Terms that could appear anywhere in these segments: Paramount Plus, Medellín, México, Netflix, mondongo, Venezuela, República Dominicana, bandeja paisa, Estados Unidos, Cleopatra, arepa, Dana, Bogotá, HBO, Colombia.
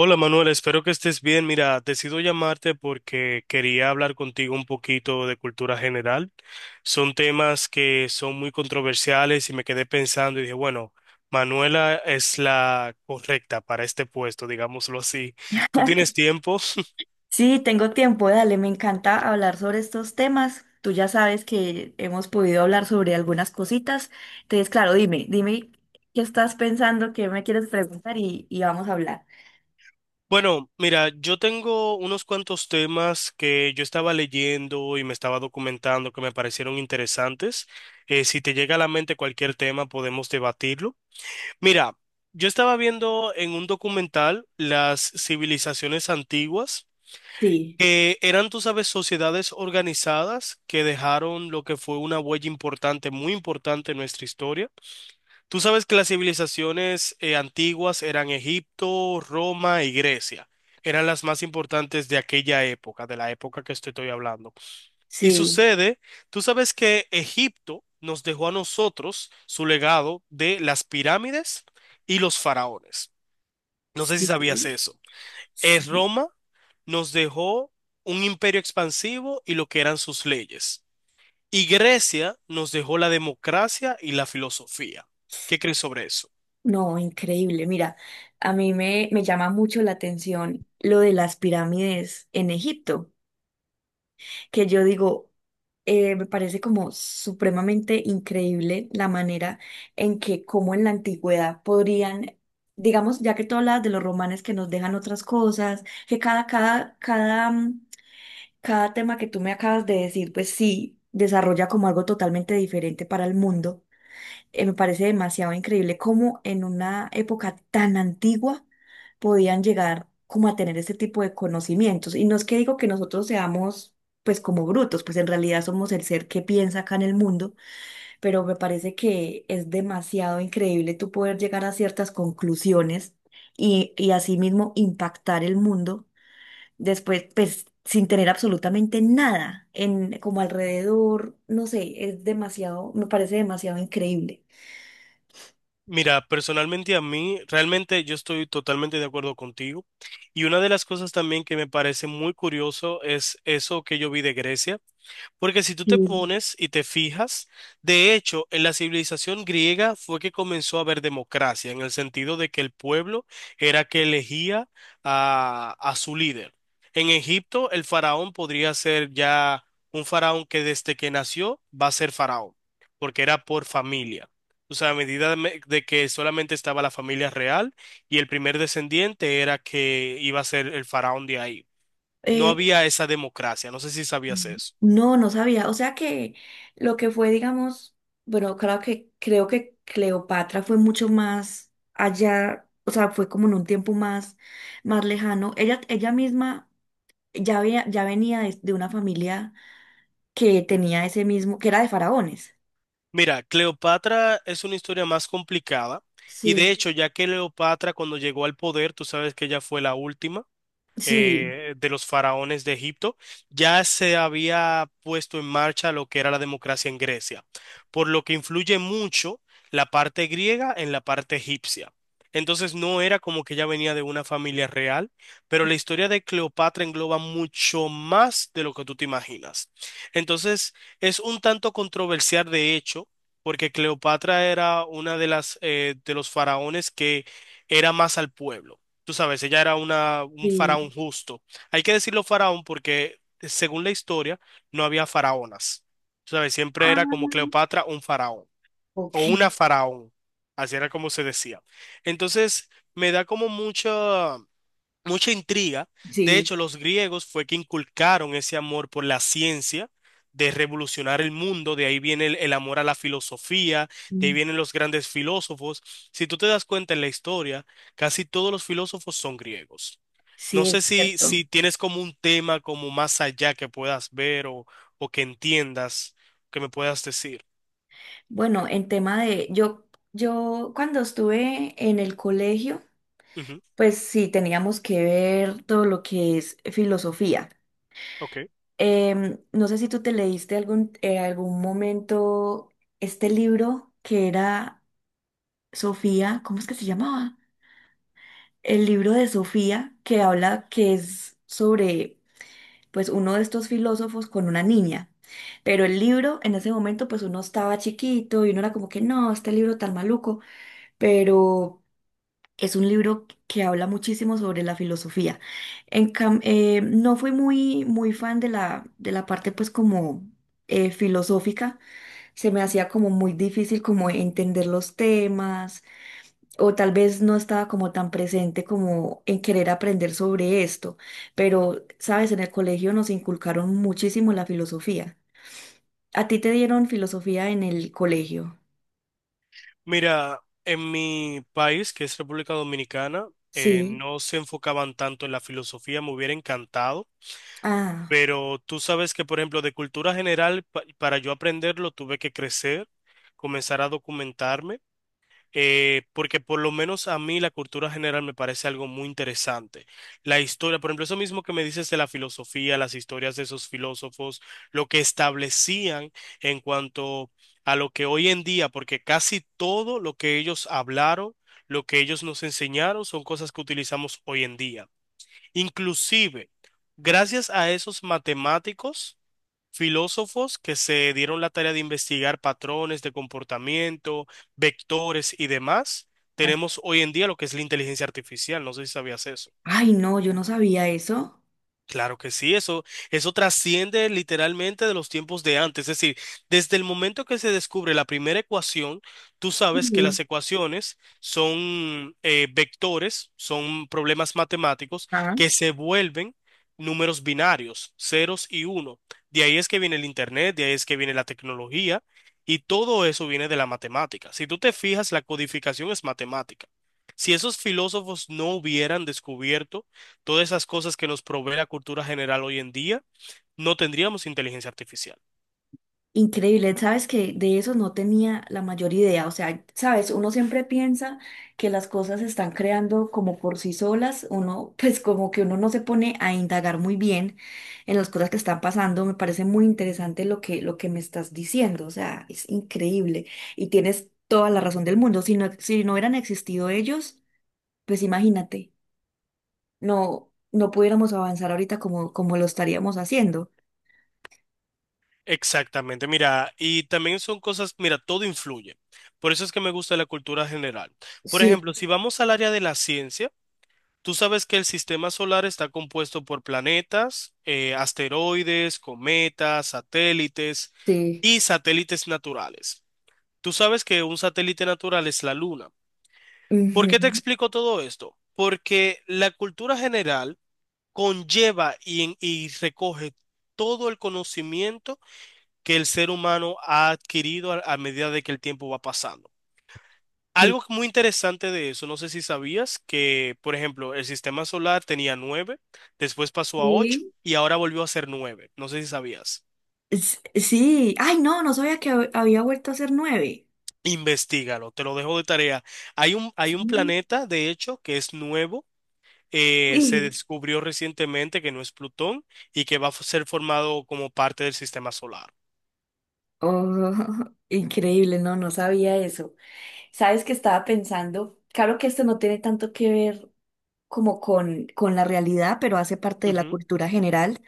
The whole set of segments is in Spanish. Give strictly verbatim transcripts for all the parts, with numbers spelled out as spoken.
Hola Manuel, espero que estés bien. Mira, decido llamarte porque quería hablar contigo un poquito de cultura general. Son temas que son muy controversiales y me quedé pensando y dije, bueno, Manuela es la correcta para este puesto, digámoslo así. ¿Tú Ok. tienes tiempo? Sí, tengo tiempo, dale, me encanta hablar sobre estos temas. Tú ya sabes que hemos podido hablar sobre algunas cositas. Entonces, claro, dime, dime qué estás pensando, qué me quieres preguntar y, y vamos a hablar. Bueno, mira, yo tengo unos cuantos temas que yo estaba leyendo y me estaba documentando que me parecieron interesantes. Eh, si te llega a la mente cualquier tema, podemos debatirlo. Mira, yo estaba viendo en un documental las civilizaciones antiguas, Sí, que eran, tú sabes, sociedades organizadas que dejaron lo que fue una huella importante, muy importante en nuestra historia. Tú sabes que las civilizaciones eh, antiguas eran Egipto, Roma y Grecia. Eran las más importantes de aquella época, de la época que estoy estoy hablando. Y sí, sucede, tú sabes que Egipto nos dejó a nosotros su legado de las pirámides y los faraones. No sé si sí, sabías eso. Eh, sí. Roma nos dejó un imperio expansivo y lo que eran sus leyes. Y Grecia nos dejó la democracia y la filosofía. ¿Qué crees sobre eso? No, increíble. Mira, a mí me, me llama mucho la atención lo de las pirámides en Egipto, que yo digo, eh, me parece como supremamente increíble la manera en que, como en la antigüedad, podrían, digamos, ya que tú hablas de los romanes que nos dejan otras cosas, que cada, cada, cada, mm, cada tema que tú me acabas de decir, pues sí, desarrolla como algo totalmente diferente para el mundo. Eh, me parece demasiado increíble cómo en una época tan antigua podían llegar como a tener este tipo de conocimientos. Y no es que digo que nosotros seamos pues como brutos, pues en realidad somos el ser que piensa acá en el mundo, pero me parece que es demasiado increíble tú poder llegar a ciertas conclusiones y, y asimismo impactar el mundo después, pues sin tener absolutamente nada en como alrededor, no sé, es demasiado, me parece demasiado increíble. Mira, personalmente a mí, realmente yo estoy totalmente de acuerdo contigo. Y una de las cosas también que me parece muy curioso es eso que yo vi de Grecia. Porque si tú te Sí. pones y te fijas, de hecho, en la civilización griega fue que comenzó a haber democracia, en el sentido de que el pueblo era que elegía a, a su líder. En Egipto, el faraón podría ser ya un faraón que desde que nació va a ser faraón, porque era por familia. O sea, a medida de me- de que solamente estaba la familia real y el primer descendiente era que iba a ser el faraón de ahí. No Eh, había esa democracia, no sé si sabías eso. no, no sabía. O sea que lo que fue, digamos, bueno, claro que creo que Cleopatra fue mucho más allá, o sea, fue como en un tiempo más, más lejano. Ella, ella misma ya había, ya venía de, de una familia que tenía ese mismo, que era de faraones. Mira, Cleopatra es una historia más complicada y de Sí, hecho, ya que Cleopatra cuando llegó al poder, tú sabes que ella fue la última sí, eh, de los faraones de Egipto, ya se había puesto en marcha lo que era la democracia en Grecia, por lo que influye mucho la parte griega en la parte egipcia. Entonces no era como que ya venía de una familia real, pero la historia de Cleopatra engloba mucho más de lo que tú te imaginas. Entonces es un tanto controversial de hecho, porque Cleopatra era una de las eh, de los faraones que era más al pueblo. Tú sabes, ella era una, un sí. faraón justo. Hay que decirlo faraón porque, eh, según la historia, no había faraonas. Tú sabes, siempre era como Ah, Cleopatra un faraón o ok. una faraón. Así era como se decía. Entonces, me da como mucha mucha intriga. De Sí, hecho, los griegos fue que inculcaron ese amor por la ciencia, de revolucionar el mundo, de ahí viene el, el amor a la filosofía, de ahí mm, vienen los grandes filósofos. Si tú te das cuenta en la historia, casi todos los filósofos son griegos. No sí, sé es si, cierto. si tienes como un tema como más allá que puedas ver o, o que entiendas, que me puedas decir. Bueno, en tema de, yo, yo cuando estuve en el colegio, Ujú, pues sí, teníamos que ver todo lo que es filosofía. ok. Em, no sé si tú te leíste algún, en algún momento este libro que era Sofía, ¿cómo es que se llamaba? El libro de Sofía que habla que es sobre pues uno de estos filósofos con una niña. Pero el libro en ese momento pues uno estaba chiquito y uno era como que no, este libro tan maluco, pero es un libro que habla muchísimo sobre la filosofía. En cam- eh, no fui muy, muy fan de la, de la parte pues como eh, filosófica. Se me hacía como muy difícil como entender los temas o tal vez no estaba como tan presente como en querer aprender sobre esto. Pero, sabes, en el colegio nos inculcaron muchísimo la filosofía. ¿A ti te dieron filosofía en el colegio? Mira, en mi país, que es República Dominicana, eh, Sí. no se enfocaban tanto en la filosofía, me hubiera encantado, Ah. pero tú sabes que, por ejemplo, de cultura general, pa- para yo aprenderlo, tuve que crecer, comenzar a documentarme eh, porque por lo menos a mí la cultura general me parece algo muy interesante. La historia, por ejemplo, eso mismo que me dices de la filosofía, las historias de esos filósofos, lo que establecían en cuanto a lo que hoy en día, porque casi todo lo que ellos hablaron, lo que ellos nos enseñaron, son cosas que utilizamos hoy en día. Inclusive, gracias a esos matemáticos filósofos que se dieron la tarea de investigar patrones de comportamiento, vectores y demás, tenemos hoy en día lo que es la inteligencia artificial. No sé si sabías eso. Ay, no, yo no sabía eso. Claro que sí, eso, eso trasciende literalmente de los tiempos de antes. Es decir, desde el momento que se descubre la primera ecuación, tú sabes que las Sí. ecuaciones son eh, vectores, son problemas matemáticos Ah, que se vuelven números binarios, ceros y uno. De ahí es que viene el internet, de ahí es que viene la tecnología y todo eso viene de la matemática. Si tú te fijas, la codificación es matemática. Si esos filósofos no hubieran descubierto todas esas cosas que nos provee la cultura general hoy en día, no tendríamos inteligencia artificial. increíble, sabes que de eso no tenía la mayor idea, o sea, sabes, uno siempre piensa que las cosas se están creando como por sí solas, uno pues como que uno no se pone a indagar muy bien en las cosas que están pasando, me parece muy interesante lo que, lo que me estás diciendo, o sea, es increíble y tienes toda la razón del mundo, si no, si no hubieran existido ellos, pues imagínate, no, no pudiéramos avanzar ahorita como, como lo estaríamos haciendo. Exactamente, mira, y también son cosas, mira, todo influye. Por eso es que me gusta la cultura general. Por Sí. ejemplo, si vamos al área de la ciencia, tú sabes que el sistema solar está compuesto por planetas, eh, asteroides, cometas, satélites Sí. y satélites naturales. Tú sabes que un satélite natural es la Luna. ¿Por qué te Ujú. explico todo esto? Porque la cultura general conlleva y, y recoge todo el conocimiento que el ser humano ha adquirido a, a medida de que el tiempo va pasando. Algo muy interesante de eso, no sé si sabías que, por ejemplo, el sistema solar tenía nueve, después pasó a ocho Sí. y ahora volvió a ser nueve. No sé si sabías. S- sí, ay, no, no sabía que hab- había vuelto a ser nueve. Investígalo, te lo dejo de tarea. Hay un, hay un Sí. planeta, de hecho, que es nuevo, eh, se Sí. descubrió recientemente que no es Plutón y que va a ser formado como parte del sistema solar. Oh, increíble, no, no sabía eso. ¿Sabes que estaba pensando? Claro que esto no tiene tanto que ver como con, con la realidad, pero hace parte de la Ujú, cultura general.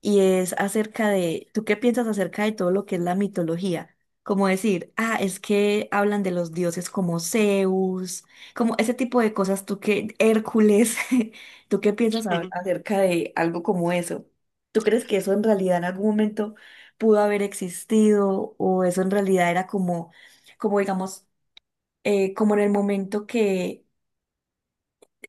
Y es acerca de, ¿tú qué piensas acerca de todo lo que es la mitología? Como decir, ah, es que hablan de los dioses como Zeus, como ese tipo de cosas, ¿tú qué, Hércules, ¿tú qué piensas a- ujú. acerca de algo como eso? ¿Tú crees que eso en realidad en algún momento pudo haber existido o eso en realidad era como, como digamos, eh, como en el momento que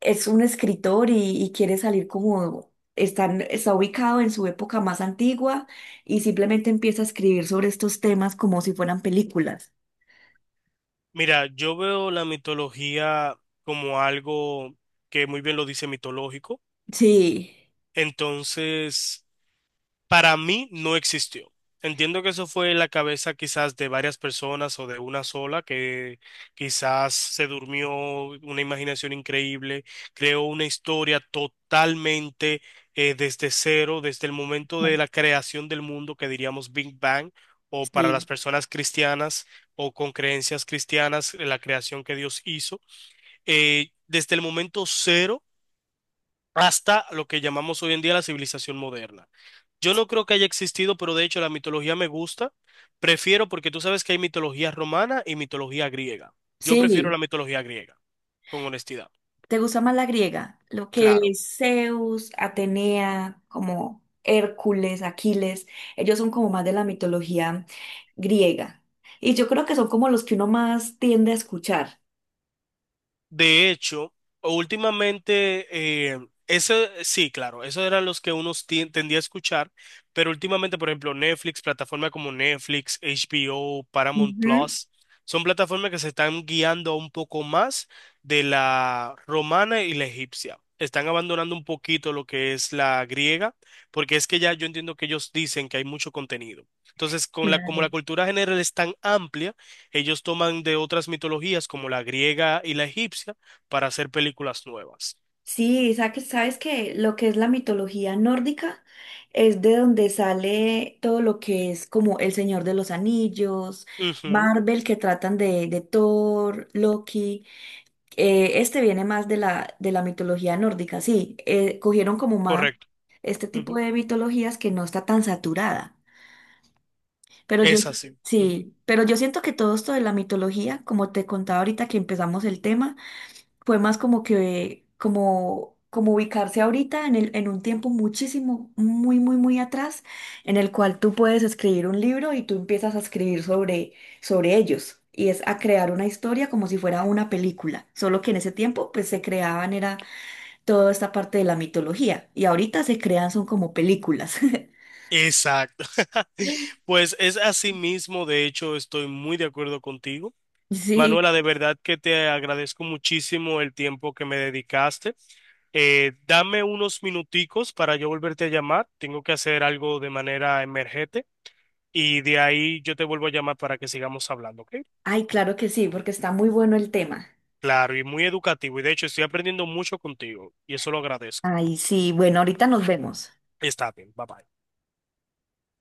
es un escritor y, y quiere salir como están, está ubicado en su época más antigua y simplemente empieza a escribir sobre estos temas como si fueran películas. Mira, yo veo la mitología como algo que muy bien lo dice mitológico. Sí. Entonces, para mí no existió. Entiendo que eso fue en la cabeza quizás de varias personas o de una sola que quizás se durmió una imaginación increíble, creó una historia totalmente eh, desde cero, desde el momento de Ujú. la creación del mundo que diríamos Big Bang o para las Sí, personas cristianas o con creencias cristianas, eh, la creación que Dios hizo, eh, desde el momento cero hasta lo que llamamos hoy en día la civilización moderna. Yo no creo que haya existido, pero de hecho la mitología me gusta. Prefiero porque tú sabes que hay mitología romana y mitología griega. Yo prefiero sí. la mitología griega, con honestidad. ¿Te gusta más la griega? Lo que Claro. es Zeus, Atenea, como Hércules, Aquiles, ellos son como más de la mitología griega. Y yo creo que son como los que uno más tiende a escuchar. De hecho, últimamente, eh, ese, sí, claro, esos eran los que uno tien- tendía a escuchar, pero últimamente, por ejemplo, Netflix, plataformas como Netflix, H B O, Paramount Ujú. Plus, son plataformas que se están guiando un poco más de la romana y la egipcia. Están abandonando un poquito lo que es la griega, porque es que ya yo entiendo que ellos dicen que hay mucho contenido. Entonces, con la, como la Claro. cultura general es tan amplia, ellos toman de otras mitologías como la griega y la egipcia para hacer películas nuevas. Sí, sa- sabes que lo que es la mitología nórdica es de donde sale todo lo que es como El Señor de los Anillos, Ujú, Marvel que tratan de, de Thor, Loki. Eh, este viene más de la, de la mitología nórdica, sí. Eh, cogieron como más correcto. este tipo Ujú, de mitologías que no está tan saturada. Pero yo, es así. Ujú, sí, pero yo siento que todo esto de la mitología, como te contaba ahorita que empezamos el tema, fue más como que, como, como ubicarse ahorita en el, en un tiempo muchísimo, muy, muy, muy atrás, en el cual tú puedes escribir un libro y tú empiezas a escribir sobre, sobre ellos. Y es a crear una historia como si fuera una película. Solo que en ese tiempo, pues se creaban, era toda esta parte de la mitología. Y ahorita se crean, son como películas. exacto. Pues es así mismo, de hecho, estoy muy de acuerdo contigo. Sí. Manuela, de verdad que te agradezco muchísimo el tiempo que me dedicaste. Eh, dame unos minuticos para yo volverte a llamar. Tengo que hacer algo de manera emergente y de ahí yo te vuelvo a llamar para que sigamos hablando, ¿ok? Ay, claro que sí, porque está muy bueno el tema. Claro, y muy educativo. Y de hecho, estoy aprendiendo mucho contigo. Y eso lo agradezco. Ay, sí, bueno, ahorita nos vemos. Está bien, bye bye.